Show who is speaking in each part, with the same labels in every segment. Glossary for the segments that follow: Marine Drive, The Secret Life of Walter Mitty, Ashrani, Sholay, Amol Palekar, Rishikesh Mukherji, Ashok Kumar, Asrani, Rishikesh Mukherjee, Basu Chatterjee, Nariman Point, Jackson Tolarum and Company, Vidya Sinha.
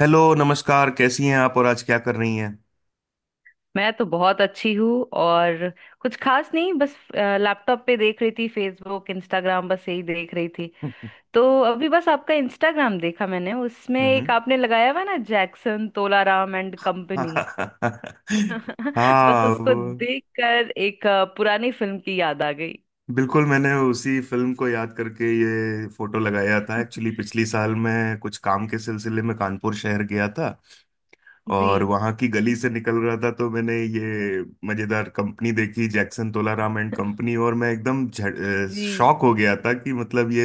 Speaker 1: Hello, नमस्कार। कैसी हैं आप और आज क्या कर रही हैं?
Speaker 2: मैं तो बहुत अच्छी हूँ और कुछ खास नहीं। बस लैपटॉप पे देख रही थी फेसबुक इंस्टाग्राम, बस यही देख रही थी। तो अभी बस आपका इंस्टाग्राम देखा मैंने, उसमें एक
Speaker 1: हम्म।
Speaker 2: आपने लगाया हुआ है ना जैक्सन तोलाराम एंड कंपनी। बस
Speaker 1: हाँ,
Speaker 2: उसको देखकर एक पुरानी फिल्म की याद आ गई।
Speaker 1: बिल्कुल मैंने उसी फिल्म को याद करके ये फोटो लगाया था। एक्चुअली पिछली साल मैं कुछ काम के सिलसिले में कानपुर शहर गया था।
Speaker 2: जी
Speaker 1: और वहाँ की गली से निकल रहा था तो मैंने ये मजेदार कंपनी देखी, जैक्सन तोलाराम एंड कंपनी। और मैं एकदम
Speaker 2: जी
Speaker 1: शॉक हो गया था कि मतलब ये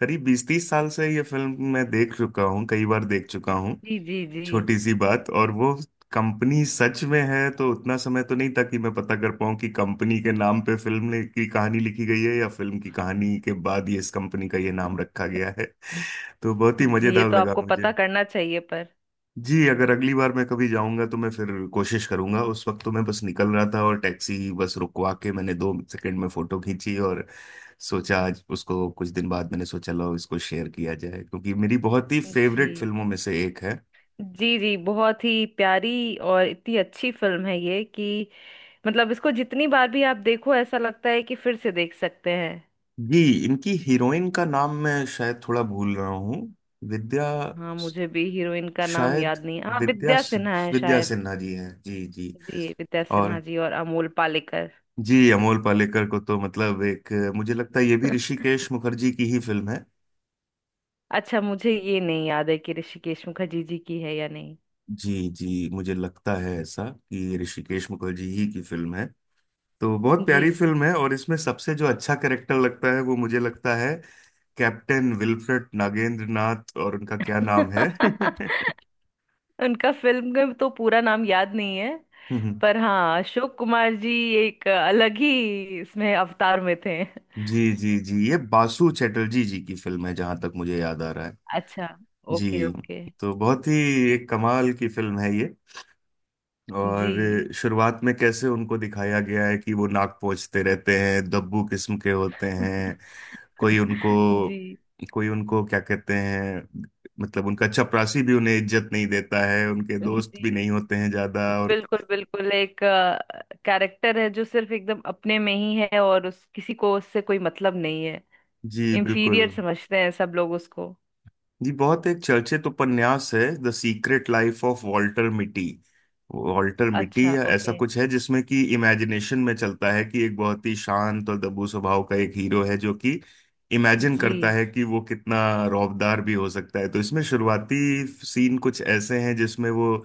Speaker 1: करीब बीस तीस साल से ये फिल्म मैं देख चुका हूँ, कई बार देख चुका हूँ।
Speaker 2: जी। जी जी
Speaker 1: छोटी सी बात, और वो कंपनी सच में है। तो उतना समय तो नहीं था कि मैं पता कर पाऊँ कि कंपनी के नाम पे फिल्म की कहानी लिखी गई है या फिल्म की कहानी के बाद ये इस कंपनी का ये नाम रखा गया है। तो बहुत ही
Speaker 2: जी, ये
Speaker 1: मजेदार
Speaker 2: तो
Speaker 1: लगा
Speaker 2: आपको पता
Speaker 1: मुझे।
Speaker 2: करना चाहिए पर।
Speaker 1: जी, अगर अगली बार मैं कभी जाऊंगा तो मैं फिर कोशिश करूंगा। उस वक्त तो मैं बस निकल रहा था और टैक्सी बस रुकवा के मैंने दो सेकंड में फोटो खींची। और सोचा आज उसको, कुछ दिन बाद मैंने सोचा लो, इसको शेयर किया जाए, क्योंकि मेरी बहुत ही फेवरेट
Speaker 2: जी
Speaker 1: फिल्मों में से एक है।
Speaker 2: जी जी, बहुत ही प्यारी और इतनी अच्छी फिल्म है ये कि मतलब इसको जितनी बार भी आप देखो ऐसा लगता है कि फिर से देख सकते हैं।
Speaker 1: जी, इनकी हीरोइन का नाम मैं शायद थोड़ा भूल रहा हूँ। विद्या,
Speaker 2: हाँ मुझे भी हीरोइन का नाम
Speaker 1: शायद,
Speaker 2: याद नहीं है। हाँ
Speaker 1: विद्या
Speaker 2: विद्या सिन्हा है
Speaker 1: विद्या
Speaker 2: शायद।
Speaker 1: सिन्हा जी हैं, जी जी।
Speaker 2: जी विद्या
Speaker 1: और
Speaker 2: सिन्हा जी और अमोल पालेकर।
Speaker 1: जी, अमोल पालेकर को तो मतलब एक, मुझे लगता है ये भी ऋषिकेश मुखर्जी की ही फिल्म है।
Speaker 2: अच्छा, मुझे ये नहीं याद है कि ऋषिकेश मुखर्जी जी की है या नहीं।
Speaker 1: जी जी, मुझे लगता है ऐसा कि ऋषिकेश मुखर्जी ही की फिल्म है। तो बहुत
Speaker 2: जी।
Speaker 1: प्यारी फिल्म है और इसमें सबसे जो अच्छा कैरेक्टर लगता है वो, मुझे लगता है, कैप्टन विल्फ्रेड नागेंद्र नाथ। और उनका क्या नाम है?
Speaker 2: उनका फिल्म का तो पूरा नाम याद नहीं है, पर हाँ अशोक कुमार जी एक अलग ही इसमें अवतार में थे।
Speaker 1: जी जी जी, ये बासु चटर्जी जी की फिल्म है जहां तक मुझे याद आ रहा है।
Speaker 2: अच्छा। ओके
Speaker 1: जी।
Speaker 2: ओके।
Speaker 1: तो बहुत ही एक कमाल की फिल्म है ये। और
Speaker 2: जी।
Speaker 1: शुरुआत में कैसे उनको दिखाया गया है कि वो नाक पोंछते रहते हैं, दब्बू किस्म के होते हैं। कोई उनको
Speaker 2: जी।
Speaker 1: कोई उनको क्या कहते हैं, मतलब उनका चपरासी भी उन्हें इज्जत नहीं देता है, उनके दोस्त भी
Speaker 2: जी
Speaker 1: नहीं होते हैं ज्यादा और।
Speaker 2: बिल्कुल बिल्कुल। एक कैरेक्टर है जो सिर्फ एकदम अपने में ही है और उस किसी को उससे कोई मतलब नहीं है।
Speaker 1: जी बिल्कुल।
Speaker 2: इंफीरियर समझते हैं सब लोग उसको।
Speaker 1: जी, बहुत एक चर्चित उपन्यास है, the secret life of Walter Mitty. Walter Mitty
Speaker 2: अच्छा
Speaker 1: या ऐसा
Speaker 2: ओके।
Speaker 1: कुछ है जिसमें कि इमेजिनेशन में चलता है कि एक बहुत ही शांत और दबू स्वभाव का एक हीरो है जो कि इमेजिन करता
Speaker 2: जी
Speaker 1: है कि वो कितना रौबदार भी हो सकता है। तो इसमें शुरुआती सीन कुछ ऐसे हैं जिसमें वो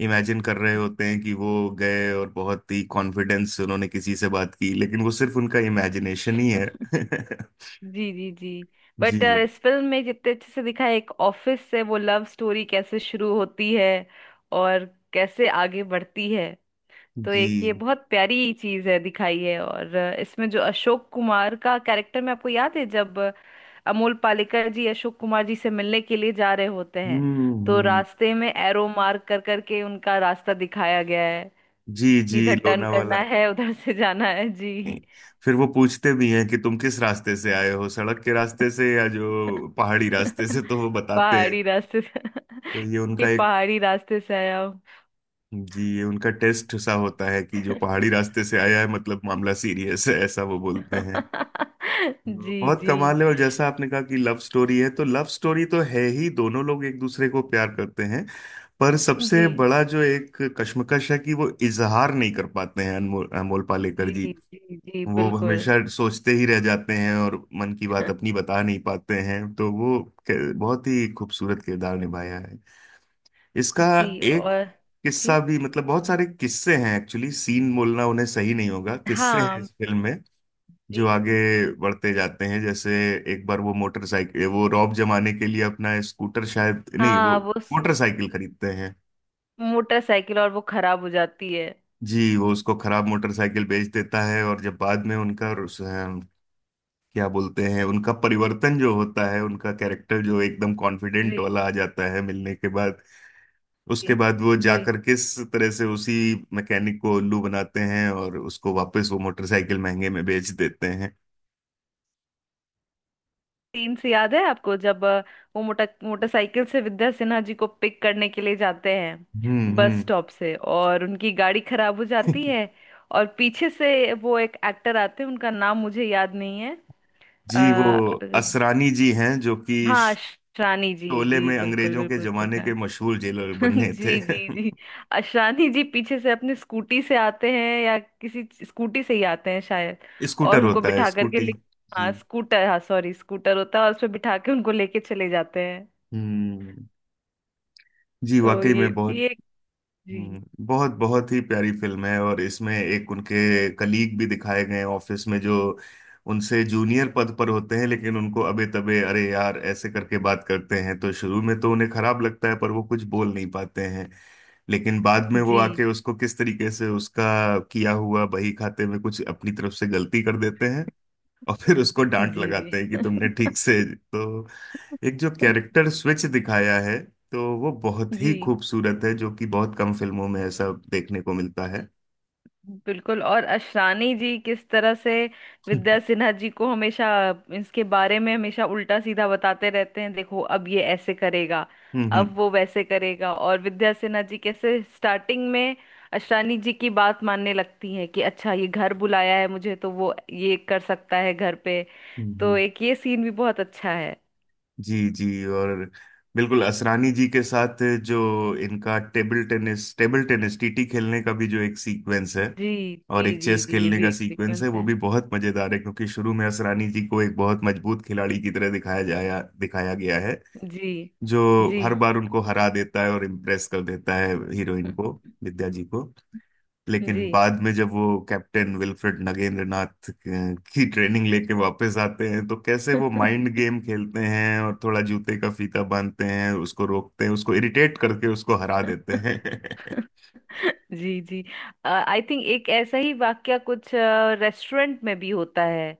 Speaker 1: इमेजिन कर रहे होते हैं कि वो गए और बहुत ही कॉन्फिडेंस से उन्होंने किसी से बात की, लेकिन वो सिर्फ उनका इमेजिनेशन ही है।
Speaker 2: जी जी। जी बट
Speaker 1: जी
Speaker 2: इस फिल्म में जितने अच्छे से दिखा है एक ऑफिस से वो लव स्टोरी कैसे शुरू होती है और कैसे आगे बढ़ती है। तो एक ये
Speaker 1: जी।
Speaker 2: बहुत प्यारी चीज है दिखाई है। और इसमें जो अशोक कुमार का कैरेक्टर, में आपको याद है जब अमोल पालेकर जी अशोक कुमार जी से मिलने के लिए जा रहे होते हैं
Speaker 1: हम्म,
Speaker 2: तो रास्ते में एरो मार्क कर करके उनका रास्ता दिखाया गया है
Speaker 1: जी
Speaker 2: कि
Speaker 1: जी
Speaker 2: इधर टर्न करना
Speaker 1: लोनावाला।
Speaker 2: है, उधर से जाना है। जी।
Speaker 1: नहीं। फिर वो पूछते भी हैं कि तुम किस रास्ते से आए हो, सड़क के रास्ते से या जो पहाड़ी रास्ते से, तो वो बताते हैं।
Speaker 2: पहाड़ी रास्ते से।
Speaker 1: तो ये
Speaker 2: कि
Speaker 1: उनका एक,
Speaker 2: पहाड़ी रास्ते से आया हूँ।
Speaker 1: जी, ये उनका टेस्ट सा होता है कि जो पहाड़ी रास्ते से आया है मतलब मामला सीरियस है, ऐसा वो बोलते हैं। तो
Speaker 2: जी
Speaker 1: बहुत
Speaker 2: जी
Speaker 1: कमाल है। और जैसा आपने कहा कि लव स्टोरी है, तो लव स्टोरी तो है ही, दोनों लोग एक दूसरे को प्यार करते हैं। पर सबसे
Speaker 2: जी।
Speaker 1: बड़ा जो एक कश्मकश है कि वो इजहार नहीं कर पाते हैं, अनमोल अमोल पालेकर
Speaker 2: जी
Speaker 1: जी।
Speaker 2: जी। जी
Speaker 1: वो
Speaker 2: बिल्कुल।
Speaker 1: हमेशा सोचते ही रह जाते हैं और मन की बात अपनी बता नहीं पाते हैं, तो वो बहुत ही खूबसूरत किरदार निभाया है इसका।
Speaker 2: जी।
Speaker 1: एक
Speaker 2: और जी।
Speaker 1: किस्सा भी, मतलब बहुत सारे किस्से हैं एक्चुअली, सीन बोलना उन्हें सही नहीं होगा, किस्से हैं
Speaker 2: हाँ
Speaker 1: इस फिल्म में जो
Speaker 2: जी।
Speaker 1: आगे बढ़ते जाते हैं। जैसे एक बार वो मोटरसाइकिल, वो रौब जमाने के लिए अपना स्कूटर शायद नहीं, वो
Speaker 2: हाँ वो
Speaker 1: मोटरसाइकिल खरीदते हैं।
Speaker 2: मोटरसाइकिल, और वो खराब हो जाती है।
Speaker 1: जी, वो उसको खराब मोटरसाइकिल बेच देता है। और जब बाद में उनका, क्या बोलते हैं, उनका परिवर्तन जो होता है, उनका कैरेक्टर जो एकदम कॉन्फिडेंट
Speaker 2: जी
Speaker 1: वाला आ जाता है मिलने के बाद,
Speaker 2: जी
Speaker 1: उसके बाद वो
Speaker 2: जी।
Speaker 1: जाकर किस तरह से उसी मैकेनिक को उल्लू बनाते हैं और उसको वापस वो मोटरसाइकिल महंगे में बेच देते हैं।
Speaker 2: सीन से याद है आपको जब वो मोटरसाइकिल से विद्या सिन्हा जी को पिक करने के लिए जाते हैं
Speaker 1: हम्म,
Speaker 2: बस
Speaker 1: हम्म।
Speaker 2: स्टॉप से, और उनकी गाड़ी खराब हो जाती है। और पीछे से वो एक एक्टर आते हैं, उनका नाम मुझे याद नहीं है।
Speaker 1: जी, वो
Speaker 2: आ,
Speaker 1: असरानी जी हैं जो कि
Speaker 2: हाँ शानी जी,
Speaker 1: शोले
Speaker 2: जी
Speaker 1: में
Speaker 2: बिल्कुल
Speaker 1: अंग्रेजों के
Speaker 2: बिल्कुल सही
Speaker 1: जमाने
Speaker 2: कहा।
Speaker 1: के मशहूर जेलर बने थे।
Speaker 2: जी जी जी। अशानी जी पीछे से अपनी स्कूटी से आते हैं या किसी स्कूटी से ही आते हैं शायद, और
Speaker 1: स्कूटर
Speaker 2: उनको
Speaker 1: होता है,
Speaker 2: बिठा करके
Speaker 1: स्कूटी।
Speaker 2: ले। हाँ
Speaker 1: जी।
Speaker 2: स्कूटर, हाँ सॉरी स्कूटर होता है, और उस पे बिठा के उनको लेके चले जाते हैं।
Speaker 1: हम्म। जी,
Speaker 2: तो
Speaker 1: वाकई में बहुत।
Speaker 2: ये जी
Speaker 1: बहुत बहुत ही प्यारी फिल्म है, और इसमें एक उनके कलीग भी दिखाए गए हैं ऑफिस में जो उनसे जूनियर पद पर होते हैं, लेकिन उनको अबे तबे अरे यार ऐसे करके बात करते हैं, तो शुरू में तो उन्हें खराब लगता है पर वो कुछ बोल नहीं पाते हैं। लेकिन बाद में वो
Speaker 2: जी
Speaker 1: आके उसको किस तरीके से उसका किया हुआ बही खाते में कुछ अपनी तरफ से गलती कर देते हैं और फिर उसको डांट
Speaker 2: जी जी।
Speaker 1: लगाते हैं कि तुमने ठीक से तो, एक जो कैरेक्टर स्विच दिखाया है, तो वो बहुत ही
Speaker 2: जी
Speaker 1: खूबसूरत है जो कि बहुत कम फिल्मों में ऐसा देखने को मिलता है।
Speaker 2: बिल्कुल। और अशरानी जी किस तरह से
Speaker 1: हम्म,
Speaker 2: विद्या सिन्हा जी को हमेशा इसके बारे में हमेशा उल्टा सीधा बताते रहते हैं, देखो अब ये ऐसे करेगा,
Speaker 1: हम्म,
Speaker 2: अब वो वैसे करेगा। और विद्या सिन्हा जी कैसे स्टार्टिंग में अशरानी जी की बात मानने लगती हैं कि अच्छा ये घर बुलाया है मुझे तो वो ये कर सकता है घर पे। तो
Speaker 1: हम्म,
Speaker 2: एक ये सीन भी बहुत अच्छा है।
Speaker 1: जी, जी। और बिल्कुल, असरानी जी के साथ जो इनका टेबल टेनिस टीटी खेलने का भी जो एक सीक्वेंस है।
Speaker 2: जी
Speaker 1: और
Speaker 2: जी
Speaker 1: एक
Speaker 2: जी
Speaker 1: चेस
Speaker 2: जी, ये
Speaker 1: खेलने
Speaker 2: भी
Speaker 1: का
Speaker 2: एक
Speaker 1: सीक्वेंस
Speaker 2: सीक्वेंस
Speaker 1: है, वो
Speaker 2: है।
Speaker 1: भी बहुत मजेदार है, क्योंकि शुरू में असरानी जी को एक बहुत मजबूत खिलाड़ी की तरह दिखाया गया है,
Speaker 2: जी
Speaker 1: जो
Speaker 2: जी।
Speaker 1: हर बार उनको हरा देता है और इम्प्रेस कर देता है हीरोइन को, विद्या जी को।
Speaker 2: जी।
Speaker 1: लेकिन बाद में जब वो कैप्टन विल्फ्रेड नगेंद्रनाथ की ट्रेनिंग लेके वापस आते हैं, तो कैसे वो माइंड गेम खेलते हैं और थोड़ा जूते का फीता बांधते हैं, उसको रोकते हैं, उसको इरिटेट करके उसको हरा देते हैं।
Speaker 2: जी जी। आई थिंक एक ऐसा ही वाक्या कुछ रेस्टोरेंट में भी होता है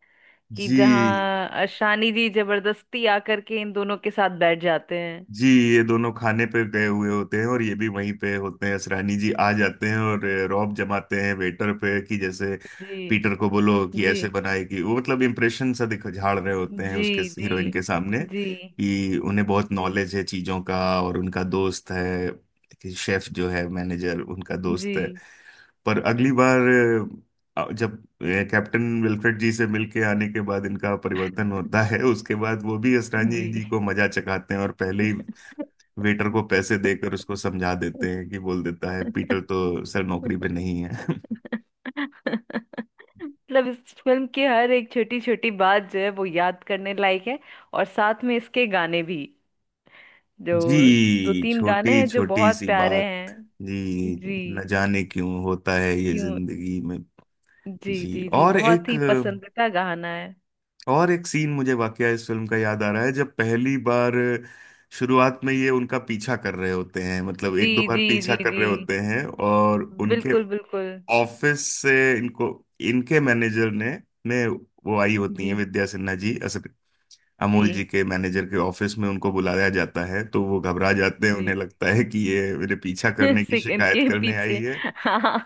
Speaker 2: कि
Speaker 1: जी
Speaker 2: जहाँ शानी जी जबरदस्ती आकर के इन दोनों के साथ बैठ जाते हैं।
Speaker 1: जी। ये दोनों खाने पे गए हुए होते हैं और ये भी वहीं पे होते हैं, असरानी जी आ जाते हैं और रौब जमाते हैं वेटर पे कि जैसे
Speaker 2: जी
Speaker 1: पीटर को बोलो कि
Speaker 2: जी
Speaker 1: ऐसे बनाएगी वो, मतलब इम्प्रेशन सा दिख झाड़ रहे होते हैं
Speaker 2: जी
Speaker 1: उसके
Speaker 2: जी।
Speaker 1: हीरोइन के सामने
Speaker 2: जी
Speaker 1: कि उन्हें बहुत
Speaker 2: जी
Speaker 1: नॉलेज है चीजों का और उनका दोस्त है, कि शेफ जो है मैनेजर उनका
Speaker 2: जी
Speaker 1: दोस्त है। पर अगली बार जब अ, कैप्टन विल्फ्रेड जी से मिलके आने के बाद इनका परिवर्तन होता है, उसके बाद वो भी असरानी
Speaker 2: जी।
Speaker 1: जी को मजा चखाते हैं और पहले ही वेटर को पैसे देकर उसको समझा देते हैं कि बोल देता है पीटर तो सर नौकरी पे नहीं है।
Speaker 2: मतलब इस फिल्म की हर एक छोटी छोटी बात जो है वो याद करने लायक है। और साथ में इसके गाने भी, जो दो
Speaker 1: जी,
Speaker 2: तीन गाने
Speaker 1: छोटी
Speaker 2: हैं जो
Speaker 1: छोटी
Speaker 2: बहुत
Speaker 1: सी
Speaker 2: प्यारे
Speaker 1: बात।
Speaker 2: हैं।
Speaker 1: जी।
Speaker 2: जी।
Speaker 1: न जाने क्यों होता है ये
Speaker 2: क्यों।
Speaker 1: जिंदगी में।
Speaker 2: जी
Speaker 1: जी,
Speaker 2: जी जी, बहुत ही पसंदीदा गाना है।
Speaker 1: और एक सीन मुझे वाकया इस फिल्म का याद आ रहा है, जब पहली बार शुरुआत में ये उनका पीछा कर रहे होते हैं, मतलब
Speaker 2: जी
Speaker 1: एक दो बार
Speaker 2: जी
Speaker 1: पीछा
Speaker 2: जी
Speaker 1: कर
Speaker 2: जी
Speaker 1: रहे होते हैं, और उनके
Speaker 2: बिल्कुल बिल्कुल।
Speaker 1: ऑफिस से इनको इनके मैनेजर ने, वो आई होती
Speaker 2: जी
Speaker 1: हैं विद्या सिन्हा जी
Speaker 2: जी
Speaker 1: अमूल जी के मैनेजर के ऑफिस में, उनको बुलाया जाता है तो वो घबरा जाते हैं,
Speaker 2: जी।
Speaker 1: उन्हें लगता है कि ये मेरे पीछा करने की
Speaker 2: सिक
Speaker 1: शिकायत
Speaker 2: इनके
Speaker 1: करने आई
Speaker 2: पीछे।
Speaker 1: है।
Speaker 2: हाँ।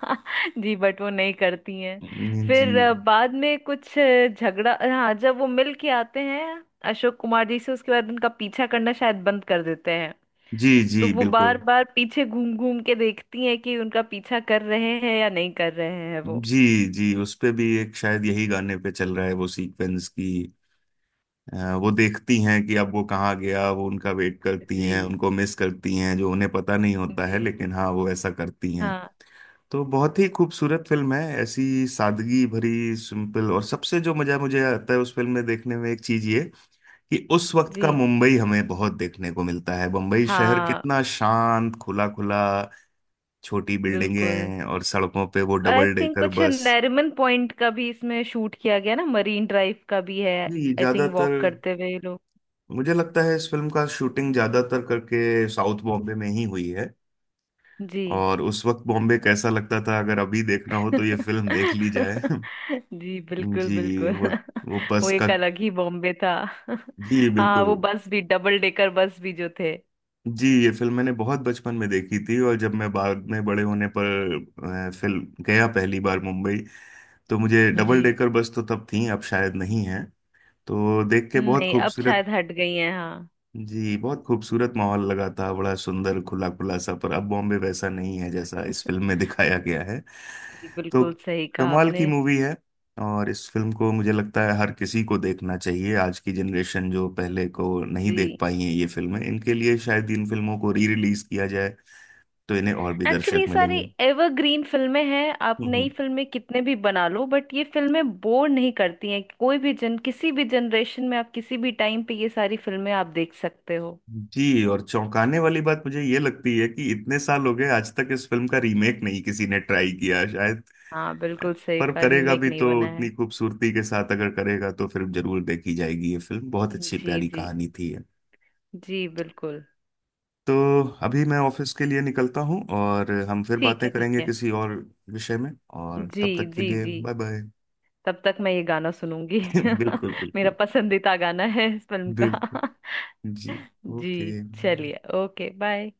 Speaker 2: जी बट वो नहीं करती हैं।
Speaker 1: जी
Speaker 2: फिर बाद में कुछ झगड़ा, हाँ, जब वो मिल के आते हैं अशोक कुमार जी से उसके बाद उनका पीछा करना शायद बंद कर देते हैं।
Speaker 1: जी
Speaker 2: तो
Speaker 1: जी,
Speaker 2: वो बार
Speaker 1: बिल्कुल।
Speaker 2: बार पीछे घूम घूम के देखती है कि उनका पीछा कर रहे हैं या नहीं कर रहे हैं वो।
Speaker 1: जी जी। उस पे भी एक, शायद यही गाने पे चल रहा है वो सीक्वेंस की वो देखती हैं कि अब वो कहाँ गया, वो उनका वेट करती हैं,
Speaker 2: जी
Speaker 1: उनको मिस करती हैं जो उन्हें पता नहीं होता है,
Speaker 2: जी।
Speaker 1: लेकिन हाँ वो ऐसा करती हैं।
Speaker 2: हाँ।
Speaker 1: तो बहुत ही खूबसूरत फिल्म है, ऐसी सादगी भरी, सिंपल, और सबसे जो मजा मुझे आता है उस फिल्म में देखने में एक चीज ये, कि उस वक्त
Speaker 2: जी।
Speaker 1: का मुंबई हमें बहुत देखने को मिलता है, मुंबई शहर
Speaker 2: हाँ
Speaker 1: कितना शांत, खुला खुला, छोटी
Speaker 2: बिल्कुल,
Speaker 1: बिल्डिंगें और सड़कों पे वो
Speaker 2: और आई
Speaker 1: डबल
Speaker 2: थिंक
Speaker 1: डेकर
Speaker 2: कुछ
Speaker 1: बस।
Speaker 2: नरीमन पॉइंट का भी इसमें शूट किया गया ना, मरीन ड्राइव का भी है।
Speaker 1: ये
Speaker 2: आई थिंक
Speaker 1: ज्यादातर,
Speaker 2: वॉक करते हुए ये लोग।
Speaker 1: मुझे लगता है इस फिल्म का शूटिंग ज्यादातर करके साउथ बॉम्बे में ही हुई है।
Speaker 2: जी।
Speaker 1: और उस वक्त बॉम्बे कैसा लगता था, अगर अभी देखना हो तो ये फिल्म देख ली जाए।
Speaker 2: जी बिल्कुल
Speaker 1: जी,
Speaker 2: बिल्कुल।
Speaker 1: वो वो
Speaker 2: वो
Speaker 1: बस का।
Speaker 2: एक अलग ही बॉम्बे था।
Speaker 1: जी,
Speaker 2: हाँ
Speaker 1: बिल्कुल।
Speaker 2: वो बस भी, डबल डेकर बस भी जो थे।
Speaker 1: जी, ये फिल्म मैंने बहुत बचपन में देखी थी, और जब मैं बाद में बड़े होने पर फिल्म गया पहली बार मुंबई, तो मुझे
Speaker 2: जी
Speaker 1: डबल डेकर बस तो तब थी, अब शायद नहीं है। तो देख के बहुत
Speaker 2: नहीं अब
Speaker 1: खूबसूरत।
Speaker 2: शायद हट गई है। हाँ
Speaker 1: जी, बहुत खूबसूरत माहौल लगा था, बड़ा सुंदर, खुला खुला सा, पर अब बॉम्बे वैसा नहीं है जैसा इस फिल्म में दिखाया गया है।
Speaker 2: जी,
Speaker 1: तो
Speaker 2: बिल्कुल सही कहा
Speaker 1: कमाल की
Speaker 2: आपने।
Speaker 1: मूवी है। और इस फिल्म को मुझे लगता है हर किसी को देखना चाहिए। आज की जनरेशन जो पहले को नहीं देख
Speaker 2: जी।
Speaker 1: पाई है ये फिल्में, इनके लिए शायद इन फिल्मों को री रिलीज किया जाए तो इन्हें और भी
Speaker 2: एक्चुअली
Speaker 1: दर्शक
Speaker 2: ये सारी
Speaker 1: मिलेंगे।
Speaker 2: एवरग्रीन फिल्में हैं। आप
Speaker 1: हम्म,
Speaker 2: नई
Speaker 1: हम्म।
Speaker 2: फिल्में कितने भी बना लो बट ये फिल्में बोर नहीं करती हैं, कोई भी जन किसी भी जनरेशन में आप किसी भी टाइम पे ये सारी फिल्में आप देख सकते हो।
Speaker 1: जी, और चौंकाने वाली बात मुझे ये लगती है कि इतने साल हो गए आज तक इस फिल्म का रीमेक नहीं किसी ने ट्राई किया शायद।
Speaker 2: हाँ बिल्कुल सही
Speaker 1: पर
Speaker 2: कहा,
Speaker 1: करेगा
Speaker 2: रीमेक
Speaker 1: भी
Speaker 2: नहीं
Speaker 1: तो
Speaker 2: बना
Speaker 1: उतनी
Speaker 2: है।
Speaker 1: खूबसूरती के साथ, अगर करेगा तो फिर जरूर देखी जाएगी ये फिल्म, बहुत अच्छी
Speaker 2: जी
Speaker 1: प्यारी
Speaker 2: जी।
Speaker 1: कहानी थी ये।
Speaker 2: जी बिल्कुल।
Speaker 1: तो अभी मैं ऑफिस के लिए निकलता हूँ और हम फिर
Speaker 2: ठीक
Speaker 1: बातें
Speaker 2: है ठीक
Speaker 1: करेंगे
Speaker 2: है।
Speaker 1: किसी और विषय में। और
Speaker 2: जी
Speaker 1: तब तक के
Speaker 2: जी
Speaker 1: लिए
Speaker 2: जी।
Speaker 1: Bye bye.
Speaker 2: तब तक मैं ये गाना सुनूंगी।
Speaker 1: बिल्कुल,
Speaker 2: मेरा
Speaker 1: बिल्कुल,
Speaker 2: पसंदीदा गाना है इस फिल्म का।
Speaker 1: बिल्कुल। जी।
Speaker 2: जी।
Speaker 1: ओके।
Speaker 2: चलिए ओके बाय।